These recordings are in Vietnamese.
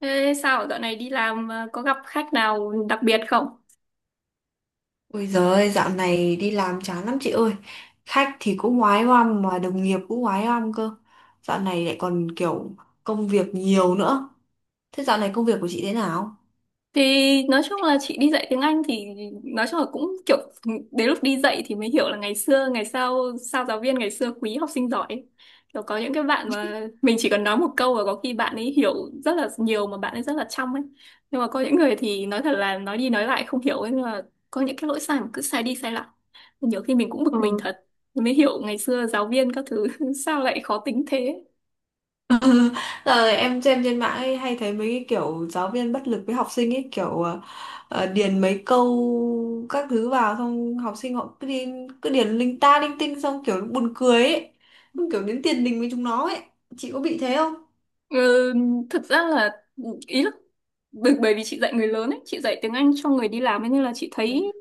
Thế sao dạo này đi làm có gặp khách nào đặc biệt không? Ôi giời ơi, dạo này đi làm chán lắm chị ơi. Khách thì cũng oái oăm mà đồng nghiệp cũng oái oăm cơ. Dạo này lại còn kiểu công việc nhiều nữa. Thế dạo này công việc của chị thế nào? Thì nói chung là chị đi dạy tiếng Anh thì nói chung là cũng kiểu đến lúc đi dạy thì mới hiểu là ngày xưa ngày sau sao giáo viên ngày xưa quý học sinh giỏi ấy. Kiểu có những cái bạn mà mình chỉ cần nói một câu và có khi bạn ấy hiểu rất là nhiều mà bạn ấy rất là trong ấy. Nhưng mà có những người thì nói thật là nói đi nói lại không hiểu ấy, nhưng mà có những cái lỗi sai mà cứ sai đi sai lại. Nhiều khi mình cũng bực mình Ừ. thật. Mới hiểu ngày xưa giáo viên các thứ sao lại khó tính thế. Giờ em xem trên mạng ấy, hay thấy mấy cái kiểu giáo viên bất lực với học sinh ấy kiểu điền mấy câu các thứ vào xong học sinh họ cứ điền linh ta linh tinh xong kiểu buồn cười ấy. Xong kiểu đến tiền đình với chúng nó ấy. Chị có bị thế không? Ừ, thực ra là ý là bởi bởi vì chị dạy người lớn ấy, chị dạy tiếng Anh cho người đi làm ấy, nên là chị thấy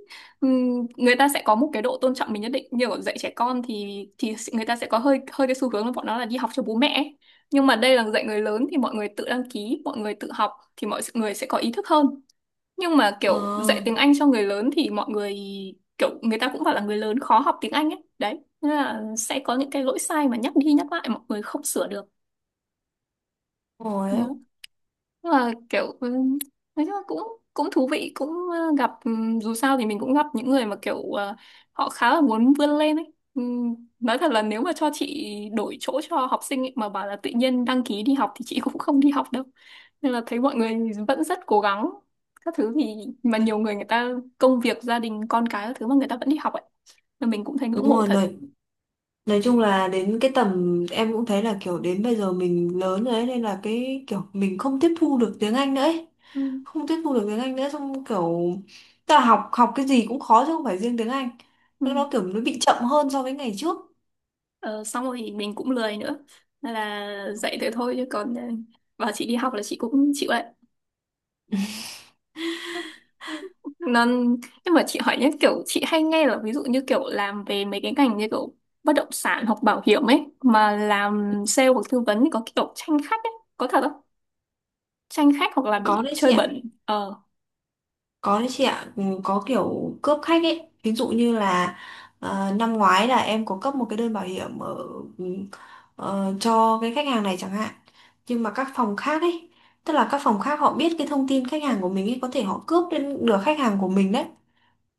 người ta sẽ có một cái độ tôn trọng mình nhất định. Như ở dạy trẻ con thì người ta sẽ có hơi hơi cái xu hướng là bọn nó là đi học cho bố mẹ ấy. Nhưng mà đây là dạy người lớn thì mọi người tự đăng ký, mọi người tự học thì mọi người sẽ có ý thức hơn. Nhưng mà Ờ, kiểu dạy tiếng Anh cho người lớn thì mọi người kiểu người ta cũng bảo là người lớn khó học tiếng Anh ấy. Đấy, nên là sẽ có những cái lỗi sai mà nhắc đi nhắc lại mọi người không sửa được. đúng Đó. rồi Nhưng mà kiểu nói chung là cũng cũng thú vị, cũng gặp dù sao thì mình cũng gặp những người mà kiểu họ khá là muốn vươn lên ấy. Ừ, nói thật là nếu mà cho chị đổi chỗ cho học sinh ấy, mà bảo là tự nhiên đăng ký đi học thì chị cũng không đi học đâu, nên là thấy mọi người vẫn rất cố gắng các thứ thì mà đấy. nhiều người người ta công việc gia đình con cái các thứ mà người ta vẫn đi học ấy là mình cũng thấy Đúng ngưỡng mộ rồi, thật. Nói chung là đến cái tầm em cũng thấy là kiểu đến bây giờ mình lớn rồi ấy nên là cái kiểu mình không tiếp thu được tiếng Anh nữa ấy. ừ. Không tiếp thu được tiếng Anh nữa xong kiểu ta học học cái gì cũng khó chứ không phải riêng tiếng Anh. Ừ. Nó kiểu nó bị chậm hơn so với ngày trước. Ờ, xong rồi thì mình cũng lười nữa nên là dạy thế thôi, chứ còn bảo chị đi học là chị cũng chịu đấy. Nên nhưng mà chị hỏi nhé, kiểu chị hay nghe là ví dụ như kiểu làm về mấy cái ngành như kiểu bất động sản hoặc bảo hiểm ấy mà làm sale hoặc tư vấn thì có kiểu tranh khách ấy, có thật không, tranh khách hoặc là Có bị đấy chị chơi ạ. bẩn Có đấy chị ạ, có kiểu cướp khách ấy. Ví dụ như là năm ngoái là em có cấp một cái đơn bảo hiểm ừ, cho cái khách hàng này chẳng hạn. Nhưng mà các phòng khác ấy, tức là các phòng khác họ biết cái thông tin khách hàng của mình ấy, có thể họ cướp đến được khách hàng của mình đấy.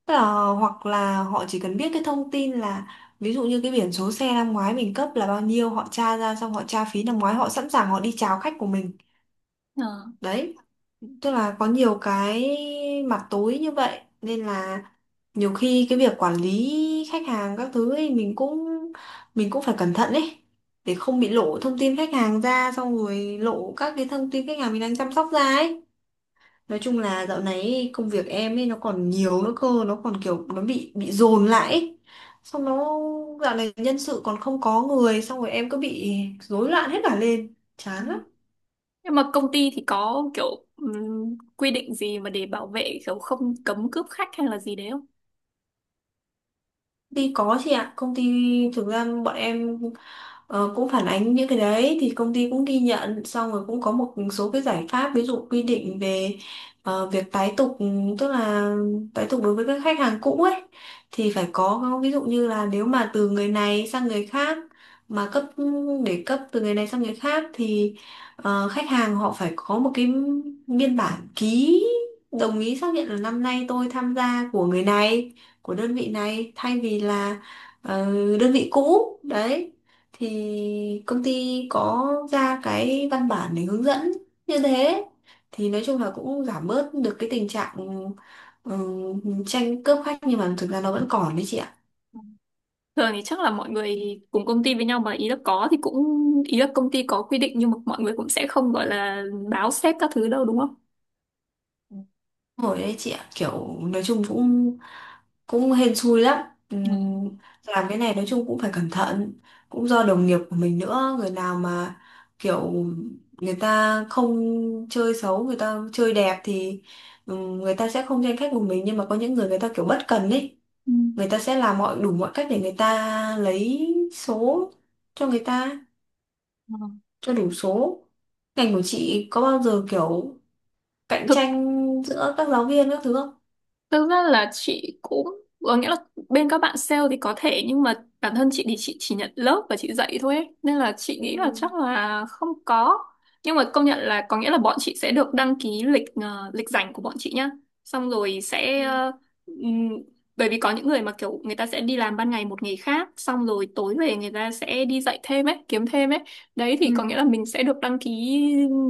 Tức là hoặc là họ chỉ cần biết cái thông tin là ví dụ như cái biển số xe năm ngoái mình cấp là bao nhiêu, họ tra ra xong họ tra phí năm ngoái, họ sẵn sàng họ đi chào khách của mình. ờ. Đấy, tức là có nhiều cái mặt tối như vậy nên là nhiều khi cái việc quản lý khách hàng các thứ ấy mình cũng phải cẩn thận ấy để không bị lộ thông tin khách hàng ra xong rồi lộ các cái thông tin khách hàng mình đang chăm sóc ra ấy. Nói chung là dạo này ấy, công việc em ấy nó còn nhiều nữa cơ, nó còn kiểu nó bị dồn lại ấy. Xong nó dạo này nhân sự còn không có người, xong rồi em cứ bị rối loạn hết cả lên Ừ. chán lắm. Nhưng mà công ty thì có kiểu quy định gì mà để bảo vệ kiểu không, cấm cướp khách hay là gì đấy? Đi có chị ạ, công ty thực ra bọn em cũng phản ánh những cái đấy thì công ty cũng ghi nhận xong rồi cũng có một số cái giải pháp, ví dụ quy định về việc tái tục, tức là tái tục đối với các khách hàng cũ ấy, thì phải có ví dụ như là nếu mà từ người này sang người khác mà để cấp từ người này sang người khác thì khách hàng họ phải có một cái biên bản ký đồng ý xác nhận là năm nay tôi tham gia của người này, của đơn vị này thay vì là ờ, đơn vị cũ đấy, thì công ty có ra cái văn bản để hướng dẫn như thế, thì nói chung là cũng giảm bớt được cái tình trạng ừ, tranh cướp khách nhưng mà thực ra nó vẫn còn đấy chị ạ. Thường thì chắc là mọi người cùng công ty với nhau mà, ý là có thì cũng ý là công ty có quy định nhưng mà mọi người cũng sẽ không gọi là báo sếp các thứ đâu, đúng không? Hồi đấy chị ạ, kiểu nói chung cũng cũng hên xui lắm. Ừ. Làm cái này nói chung cũng phải cẩn thận, cũng do đồng nghiệp của mình nữa, người nào mà kiểu người ta không chơi xấu, người ta chơi đẹp thì người ta sẽ không tranh khách của mình, nhưng mà có những người người ta kiểu bất cần ấy, Ừ. người ta sẽ làm mọi đủ mọi cách để người ta lấy số cho người ta, Ừ. cho đủ số. Ngành của chị có bao giờ kiểu cạnh Thực tranh giữa các giáo viên các thứ không? Thực ra là chị cũng có nghĩa là bên các bạn sale thì có thể, nhưng mà bản thân chị thì chị chỉ nhận lớp và chị dạy thôi ấy. Nên là chị nghĩ là Ừ. chắc là không có. Nhưng mà công nhận là có nghĩa là bọn chị sẽ được đăng ký lịch lịch rảnh của bọn chị nhá. Xong rồi sẽ Ừ. Ừm, bởi vì có những người mà kiểu người ta sẽ đi làm ban ngày một nghề khác, xong rồi tối về người ta sẽ đi dạy thêm ấy, kiếm thêm ấy. Đấy thì Ừ. có nghĩa là mình sẽ được đăng ký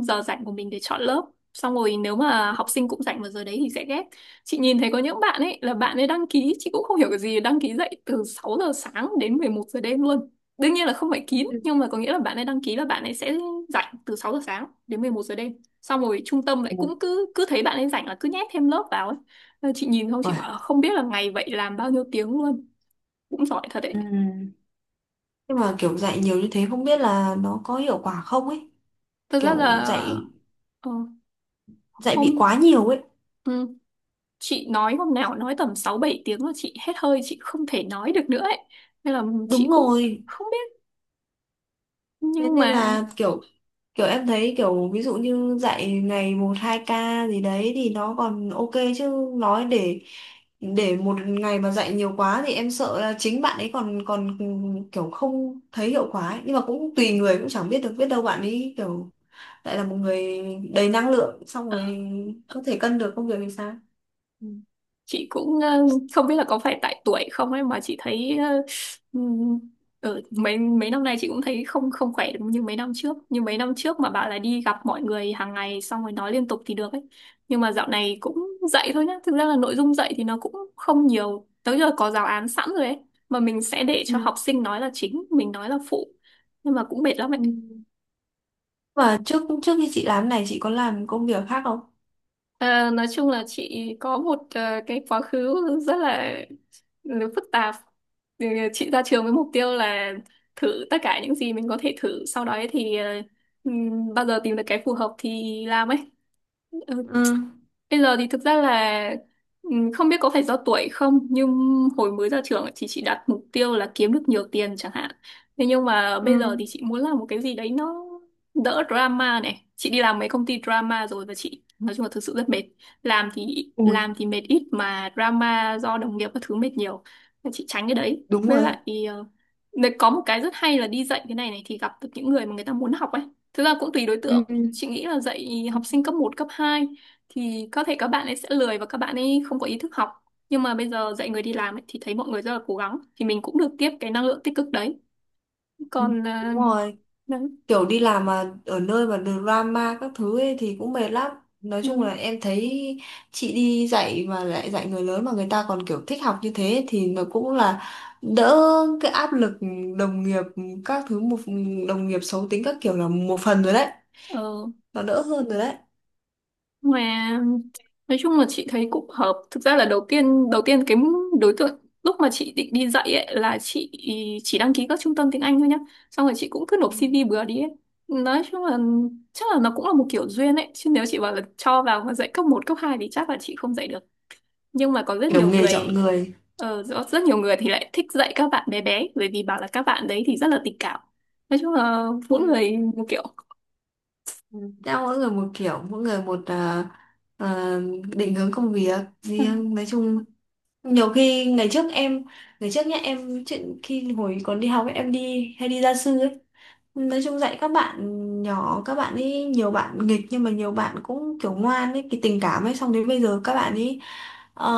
giờ rảnh của mình để chọn lớp. Xong rồi nếu mà học sinh cũng rảnh vào giờ đấy thì sẽ ghép. Chị nhìn thấy có những bạn ấy là bạn ấy đăng ký, chị cũng không hiểu cái gì, đăng ký dậy từ 6 giờ sáng đến 11 giờ đêm luôn. Đương nhiên là không phải kín, Ừ. nhưng mà có nghĩa là bạn ấy đăng ký là bạn ấy sẽ rảnh từ 6 giờ sáng đến 11 giờ đêm. Xong rồi trung tâm lại cũng Ừ. cứ cứ thấy bạn ấy rảnh là cứ nhét thêm lớp vào ấy. Nên chị nhìn không, chị Rồi. bảo là không biết là ngày vậy làm bao nhiêu tiếng luôn. Cũng giỏi thật Ừ. đấy. Nhưng mà kiểu dạy nhiều như thế không biết là nó có hiệu quả không ấy. Thật ra là Kiểu dạy ờ, dạy bị hôm quá nhiều ấy. ừ, chị nói hôm nào nói tầm 6 7 tiếng là chị hết hơi, chị không thể nói được nữa ấy. Nên là chị Đúng cũng rồi. không biết, Thế nhưng nên mà. là kiểu kiểu em thấy kiểu ví dụ như dạy ngày một hai ca gì đấy thì nó còn ok, chứ nói để một ngày mà dạy nhiều quá thì em sợ là chính bạn ấy còn còn kiểu không thấy hiệu quả ấy. Nhưng mà cũng tùy người, cũng chẳng biết được, biết đâu bạn ấy kiểu lại là một người đầy năng lượng xong rồi Ờ. có thể cân được công việc thì sao. Ừ. Chị cũng không biết là có phải tại tuổi không ấy mà chị thấy ừm, mấy mấy năm nay chị cũng thấy không không khỏe được, như mấy năm trước mà bảo là đi gặp mọi người hàng ngày xong rồi nói liên tục thì được ấy, nhưng mà dạo này cũng dạy thôi nhá, thực ra là nội dung dạy thì nó cũng không nhiều, tới giờ có giáo án sẵn rồi ấy, mà mình sẽ để cho học Ừ. sinh nói là chính, mình nói là phụ, nhưng mà cũng mệt lắm ấy. Ừ. Và trước trước khi chị làm này chị có làm công việc khác không? À, nói chung là chị có một cái quá khứ rất là phức tạp. Ừ, chị ra trường với mục tiêu là thử tất cả những gì mình có thể thử, sau đó ấy thì bao giờ tìm được cái phù hợp thì làm ấy. Ừ, Ừ. bây giờ thì thực ra là không biết có phải do tuổi không, nhưng hồi mới ra trường ấy thì chị đặt mục tiêu là kiếm được nhiều tiền chẳng hạn. Thế nhưng mà Ừ. bây giờ thì chị muốn làm một cái gì đấy nó đỡ drama này. Chị đi làm mấy công ty drama rồi và chị nói chung là thực sự rất mệt. Làm thì làm Ui, thì mệt ít mà drama do đồng nghiệp các thứ mệt nhiều. Nên chị tránh cái đấy. đúng Với rồi đấy. lại ờ, nếu có một cái rất hay là đi dạy cái này này thì gặp được những người mà người ta muốn học ấy. Thực ra cũng tùy đối Ừ. tượng. Chị nghĩ là dạy học Ừ. sinh cấp một cấp 2 thì có thể các bạn ấy sẽ lười và các bạn ấy không có ý thức học, nhưng mà bây giờ dạy người đi làm ấy, thì thấy mọi người rất là cố gắng thì mình cũng được tiếp cái năng lượng tích cực đấy, Ừ. còn Đúng rồi, đấy. kiểu đi làm mà ở nơi mà drama các thứ ấy thì cũng mệt lắm. Nói chung là ừ. em thấy chị đi dạy mà lại dạy người lớn mà người ta còn kiểu thích học như thế thì nó cũng là đỡ cái áp lực đồng nghiệp các thứ một, đồng nghiệp xấu tính các kiểu là một phần rồi đấy, ờ, nó đỡ hơn rồi đấy. mà nói chung là chị thấy cũng hợp, thực ra là đầu tiên cái đối tượng lúc mà chị định đi dạy ấy là chị chỉ đăng ký các trung tâm tiếng Anh thôi nhá, xong rồi chị cũng cứ Ừ. nộp CV bừa đi ấy. Nói chung là chắc là nó cũng là một kiểu duyên ấy, chứ nếu chị bảo là cho vào mà dạy cấp một cấp 2 thì chắc là chị không dạy được, nhưng mà có rất Kiểu nhiều nghề chọn người. người. Rất nhiều người thì lại thích dạy các bạn bé bé bởi vì bảo là các bạn đấy thì rất là tình cảm. Nói chung là mỗi Ừ. người một kiểu. Ừ. Theo mỗi người một kiểu, mỗi người một à, định hướng công việc ừ. riêng. Nói chung nhiều khi ngày trước nhá em chuyện khi hồi còn đi học ấy, em đi hay đi gia sư ấy, nói chung dạy các bạn nhỏ, các bạn ấy nhiều bạn nghịch nhưng mà nhiều bạn cũng kiểu ngoan ấy, cái tình cảm ấy, xong đến bây giờ các bạn ấy ờ,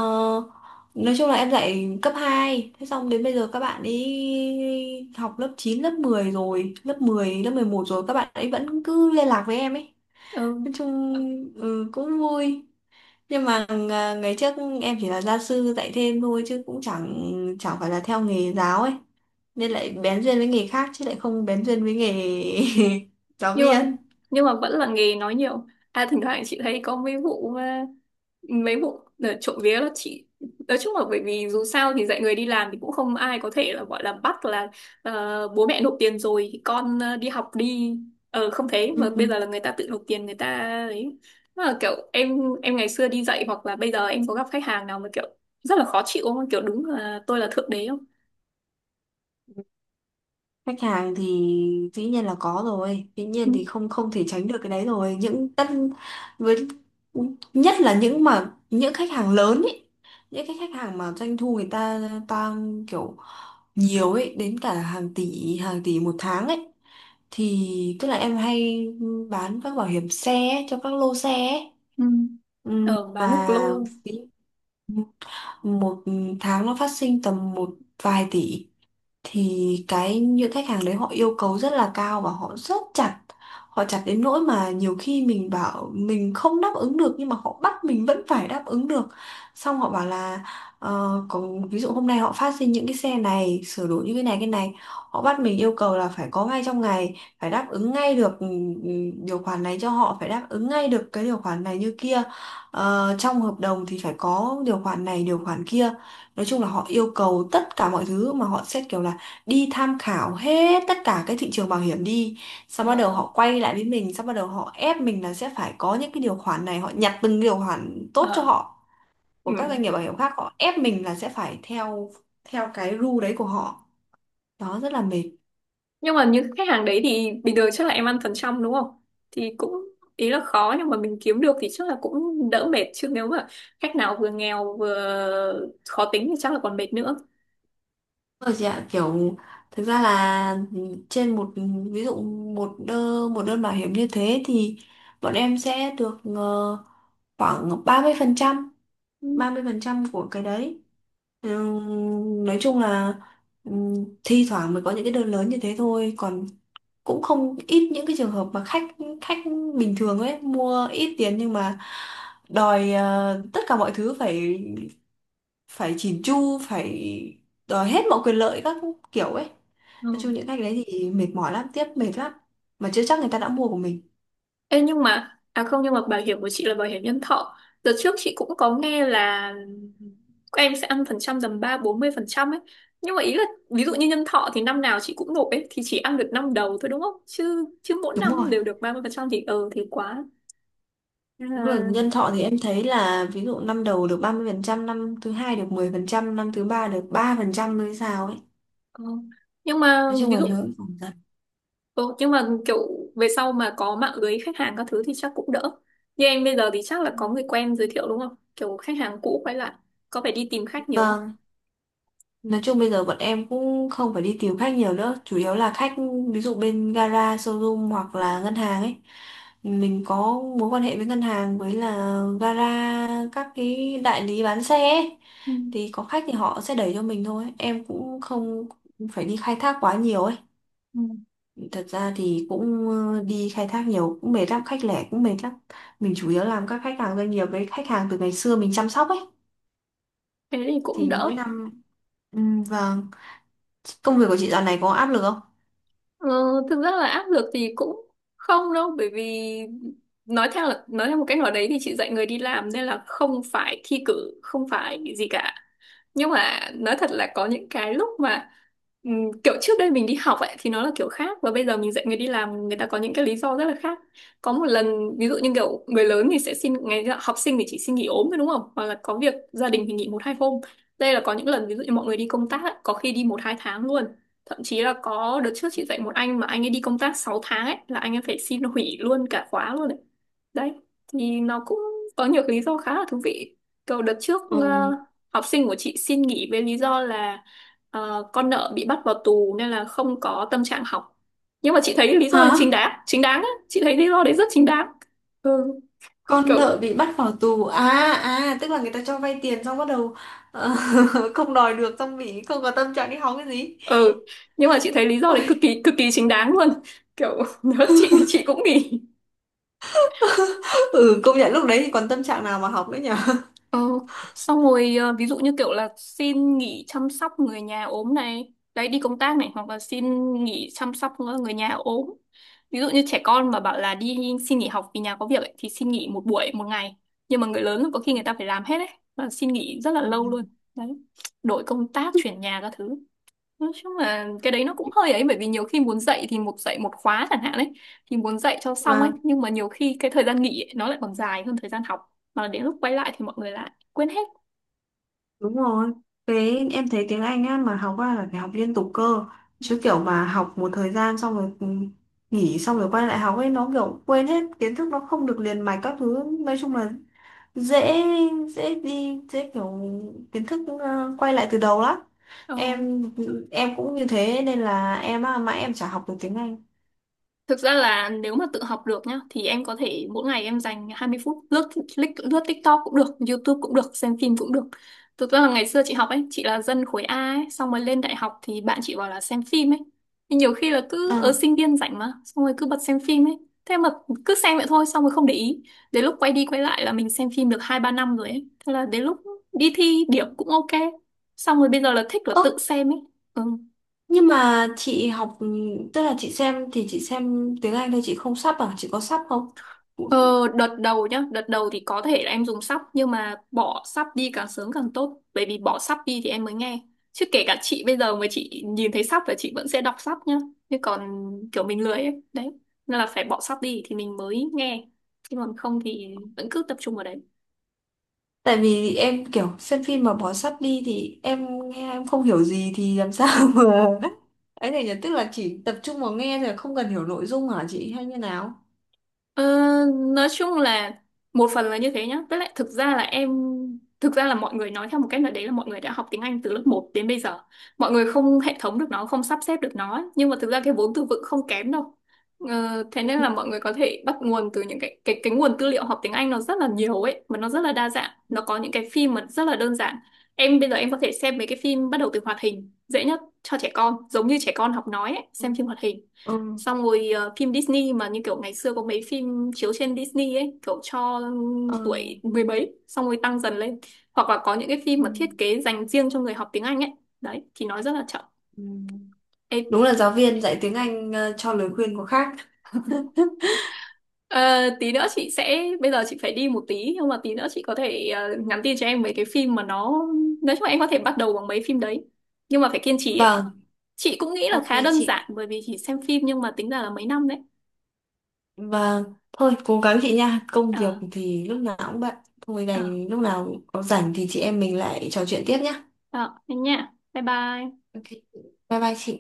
nói chung là em dạy cấp hai, thế xong đến bây giờ các bạn ấy học lớp 9 lớp 10 rồi, lớp 10 lớp 11 rồi, các bạn ấy vẫn cứ liên lạc với em ấy, ừ. nói chung ừ, cũng vui. Nhưng mà ngày trước em chỉ là gia sư dạy thêm thôi chứ cũng chẳng chẳng phải là theo nghề giáo ấy, nên lại bén duyên với nghề khác chứ lại không bén duyên với nghề giáo nhưng mà viên. nhưng mà vẫn là nghề nói nhiều. À, thỉnh thoảng chị thấy có mấy vụ, trộm vía là chị nói chung là bởi vì dù sao thì dạy người đi làm thì cũng không ai có thể là gọi là bắt là bố mẹ nộp tiền rồi thì con đi học đi, không, thế Ừ. mà bây giờ là người ta tự nộp tiền người ta ấy, mà là kiểu em ngày xưa đi dạy hoặc là bây giờ em có gặp khách hàng nào mà kiểu rất là khó chịu không, kiểu đúng là tôi là thượng đế không? Khách hàng thì dĩ nhiên là có rồi, dĩ Ừ. nhiên thì không không thể tránh được cái đấy rồi, những tất với, nhất là những mà những khách hàng lớn ấy, những cái khách hàng mà doanh thu người ta tăng kiểu nhiều ấy, đến cả hàng tỷ, hàng tỷ một tháng ấy, thì tức là em hay bán các bảo hiểm xe ấy, cho các lô xe ấy. Ừ. Bán nước Và lô một tháng nó phát sinh tầm một vài tỷ, thì cái những khách hàng đấy họ yêu cầu rất là cao và họ rất chặt. Họ chặt đến nỗi mà nhiều khi mình bảo mình không đáp ứng được nhưng mà họ bắt mình vẫn phải đáp ứng được, xong họ bảo là ờ, có, ví dụ hôm nay họ phát sinh những cái xe này sửa đổi như cái này cái này, họ bắt mình yêu cầu là phải có ngay trong ngày, phải đáp ứng ngay được ừ, điều khoản này cho họ, phải đáp ứng ngay được cái điều khoản này như kia. Ờ, trong hợp đồng thì phải có điều khoản này điều khoản kia. Nói chung là họ yêu cầu tất cả mọi thứ, mà họ xét kiểu là đi tham khảo hết tất cả cái thị trường bảo hiểm đi, xong bắt đầu mà họ quay lại với mình, xong bắt đầu họ ép mình là sẽ phải có những cái điều khoản này. Họ nhặt từng điều khoản tốt cho ờ họ ừ. của các doanh nghiệp bảo hiểm khác, họ ép mình là sẽ phải theo theo cái rule đấy của họ. Đó rất là mệt. Nhưng mà những khách hàng đấy thì bình thường chắc là em ăn phần trăm đúng không, thì cũng ý là khó nhưng mà mình kiếm được thì chắc là cũng đỡ mệt, chứ nếu mà khách nào vừa nghèo vừa khó tính thì chắc là còn mệt nữa. Rồi chị ạ, kiểu thực ra là trên một ví dụ một đơn bảo hiểm như thế thì bọn em sẽ được khoảng 30%, Ừ. 30% của cái đấy. Ờ, nói chung là ừm, thi thoảng mới có những cái đơn lớn như thế thôi, còn cũng không ít những cái trường hợp mà khách khách bình thường ấy mua ít tiền nhưng mà đòi tất cả mọi thứ phải phải chỉn chu, phải đòi hết mọi quyền lợi các kiểu ấy. Nói Ừ. chung những khách đấy thì mệt mỏi lắm, tiếp mệt lắm mà chưa chắc người ta đã mua của mình. Ê, nhưng mà không, nhưng mà bảo hiểm của chị là bảo hiểm nhân thọ, đợt trước chị cũng có nghe là các em sẽ ăn phần trăm tầm 30-40% ấy, nhưng mà ý là ví dụ như nhân thọ thì năm nào chị cũng nộp ấy thì chỉ ăn được năm đầu thôi đúng không, chứ chứ mỗi Đúng năm rồi. đều được 30% thì thì quá. Ờ. Đúng rồi, nhân thọ thì em thấy là ví dụ năm đầu được 30%, năm thứ hai được 10%, năm thứ ba được 3% mới sao ấy. Ờ. Nhưng mà Nói chung ví là dụ nhớ phòng dần. ờ, nhưng mà kiểu về sau mà có mạng lưới khách hàng các thứ thì chắc cũng đỡ. Như em bây giờ thì chắc là có người quen giới thiệu đúng không? Kiểu khách hàng cũ quay lại có phải đi tìm khách nhiều không? Nói chung bây giờ bọn em cũng không phải đi tìm khách nhiều nữa, chủ yếu là khách ví dụ bên gara, showroom hoặc là ngân hàng ấy. Mình có mối quan hệ với ngân hàng, với là gara, các cái đại lý bán xe ấy. Ừ, Thì có khách thì họ sẽ đẩy cho mình thôi. Em cũng không phải đi khai thác quá nhiều ấy. ừ, Thật ra thì cũng đi khai thác nhiều cũng mệt lắm, khách lẻ cũng mệt lắm. Mình chủ yếu làm các khách hàng doanh nghiệp với khách hàng từ ngày xưa mình chăm sóc ấy. thế thì cũng Thì đỡ. mỗi năm. Ừ, vâng. Công việc của chị dạo này có áp lực không? Ờ, thực ra là áp lực thì cũng không đâu, bởi vì nói theo là nói theo một cách nào đấy thì chị dạy người đi làm nên là không phải thi cử, không phải gì cả. Nhưng mà nói thật là có những cái lúc mà kiểu trước đây mình đi học ấy thì nó là kiểu khác, và bây giờ mình dạy người đi làm, người ta có những cái lý do rất là khác. Có một lần ví dụ như kiểu người lớn thì sẽ xin ngày, học sinh thì chỉ xin nghỉ ốm thôi đúng không, hoặc là có việc gia đình thì nghỉ một hai hôm. Đây là có những lần ví dụ như mọi người đi công tác ấy, có khi đi một hai tháng luôn. Thậm chí là có đợt trước chị dạy một anh mà anh ấy đi công tác 6 tháng ấy, là anh ấy phải xin hủy luôn cả khóa luôn ấy. Đấy, thì nó cũng có nhiều cái lý do khá là thú vị. Kiểu đợt trước Ừ. học sinh của chị xin nghỉ với lý do là, con nợ bị bắt vào tù nên là không có tâm trạng học. Nhưng mà chị thấy lý do thì Hả? Chính đáng á, chị thấy lý do đấy rất chính đáng. Ừ, Con kiểu, nợ bị bắt vào tù à, à tức là người ta cho vay tiền xong bắt đầu ờ, không đòi được xong bị không có tâm trạng đi học cái gì. ừ, nhưng mà chị thấy lý do đấy Ôi, cực kỳ chính đáng luôn. Kiểu nếu chị thì chị cũng nghỉ. ừ công nhận lúc đấy thì còn tâm trạng nào mà học nữa nhở. Ờ, xong rồi ví dụ như kiểu là xin nghỉ chăm sóc người nhà ốm này, đấy, đi công tác này, hoặc là xin nghỉ chăm sóc người nhà ốm. Ví dụ như trẻ con mà bảo là đi xin nghỉ học vì nhà có việc ấy, thì xin nghỉ một buổi một ngày. Nhưng mà người lớn có khi người ta phải làm hết ấy, và xin nghỉ rất là Ừ. lâu luôn. Đấy. Đổi công tác, chuyển nhà các thứ. Nói chung là cái đấy nó cũng hơi ấy, bởi vì nhiều khi muốn dạy thì một dạy một khóa chẳng hạn ấy, thì muốn dạy cho xong ấy, Vâng, nhưng mà nhiều khi cái thời gian nghỉ ấy, nó lại còn dài hơn thời gian học, mà đến lúc quay lại thì mọi người lại quên hết. đúng rồi. Thế em thấy tiếng Anh á mà học ra là phải học liên tục cơ. Chứ kiểu mà học một thời gian xong rồi nghỉ xong rồi quay lại học ấy nó kiểu quên hết kiến thức, nó không được liền mạch các thứ. Nói chung là dễ dễ đi dễ kiểu kiến thức quay lại từ đầu lắm. Ờ. Em em cũng như thế nên là em á, mãi em chả học được tiếng Anh. Thực ra là nếu mà tự học được nhá thì em có thể mỗi ngày em dành 20 phút lướt lướt TikTok cũng được, YouTube cũng được, xem phim cũng được. Thực ra là ngày xưa chị học ấy, chị là dân khối A ấy, xong rồi lên đại học thì bạn chị bảo là xem phim ấy. Nhưng nhiều khi là Ờ. cứ ở sinh viên rảnh mà, xong rồi cứ bật xem phim ấy. Thế mà cứ xem vậy thôi xong rồi không để ý. Đến lúc quay đi quay lại là mình xem phim được 2 3 năm rồi ấy. Thế là đến lúc đi thi điểm cũng ok. Xong rồi bây giờ là thích là tự Ơ, xem ấy. Ừ. nhưng mà chị học, tức là chị xem thì chị xem tiếng Anh thôi, chị không sub à, chị có sub không? Ờ, đợt đầu nhá, đợt đầu thì có thể là em dùng sắp, nhưng mà bỏ sắp đi càng sớm càng tốt, bởi vì bỏ sắp đi thì em mới nghe. Chứ kể cả chị bây giờ mà chị nhìn thấy sắp là chị vẫn sẽ đọc sắp nhá. Nhưng còn kiểu mình lười ấy đấy, nên là phải bỏ sắp đi thì mình mới nghe, chứ còn không thì vẫn cứ tập trung vào đấy. Tại vì em kiểu xem phim mà bỏ sub đi thì em nghe em không hiểu gì thì làm sao mà ấy này nhỉ, tức là chỉ tập trung vào nghe rồi không cần hiểu nội dung hả chị hay như nào? Ờ, nói chung là một phần là như thế nhá. Tức là thực ra là em Thực ra là mọi người nói theo một cách nào đấy là mọi người đã học tiếng Anh từ lớp một đến bây giờ. Mọi người không hệ thống được nó, không sắp xếp được nó, ấy. Nhưng mà thực ra cái vốn từ vựng không kém đâu. Ờ, thế nên là mọi người có thể bắt nguồn từ những cái cái nguồn tư liệu học tiếng Anh, nó rất là nhiều ấy, mà nó rất là đa dạng. Nó có những cái phim mà rất là đơn giản. Em bây giờ em có thể xem mấy cái phim, bắt đầu từ hoạt hình, dễ nhất cho trẻ con, giống như trẻ con học nói ấy, Ừ. xem phim hoạt hình, Ừ. xong rồi phim Disney mà như kiểu ngày xưa có mấy phim chiếu trên Disney ấy, kiểu cho Ừ. tuổi mười mấy, xong rồi tăng dần lên. Hoặc là có những cái phim mà thiết Ừ. kế dành riêng cho người học tiếng Anh ấy, đấy thì nói rất là chậm. Ừ. Ê, Đúng là ừ. giáo viên dạy tiếng Anh cho lời khuyên có khác. Ờ, tí nữa chị sẽ, bây giờ chị phải đi một tí, nhưng mà tí nữa chị có thể nhắn tin cho em mấy cái phim mà nó, nói chung là em có thể bắt đầu bằng mấy phim đấy, nhưng mà phải kiên trì ấy. Vâng, Chị cũng nghĩ là ok khá đơn chị. giản bởi vì chỉ xem phim, nhưng mà tính ra là mấy năm đấy. Vâng, thôi cố gắng chị nha. Công Ờ, việc thì lúc nào cũng bận. Thôi ờ, đành lúc nào có rảnh thì chị em mình lại trò chuyện tiếp nhá. đó, thế nha, bye bye. Ok, bye bye chị.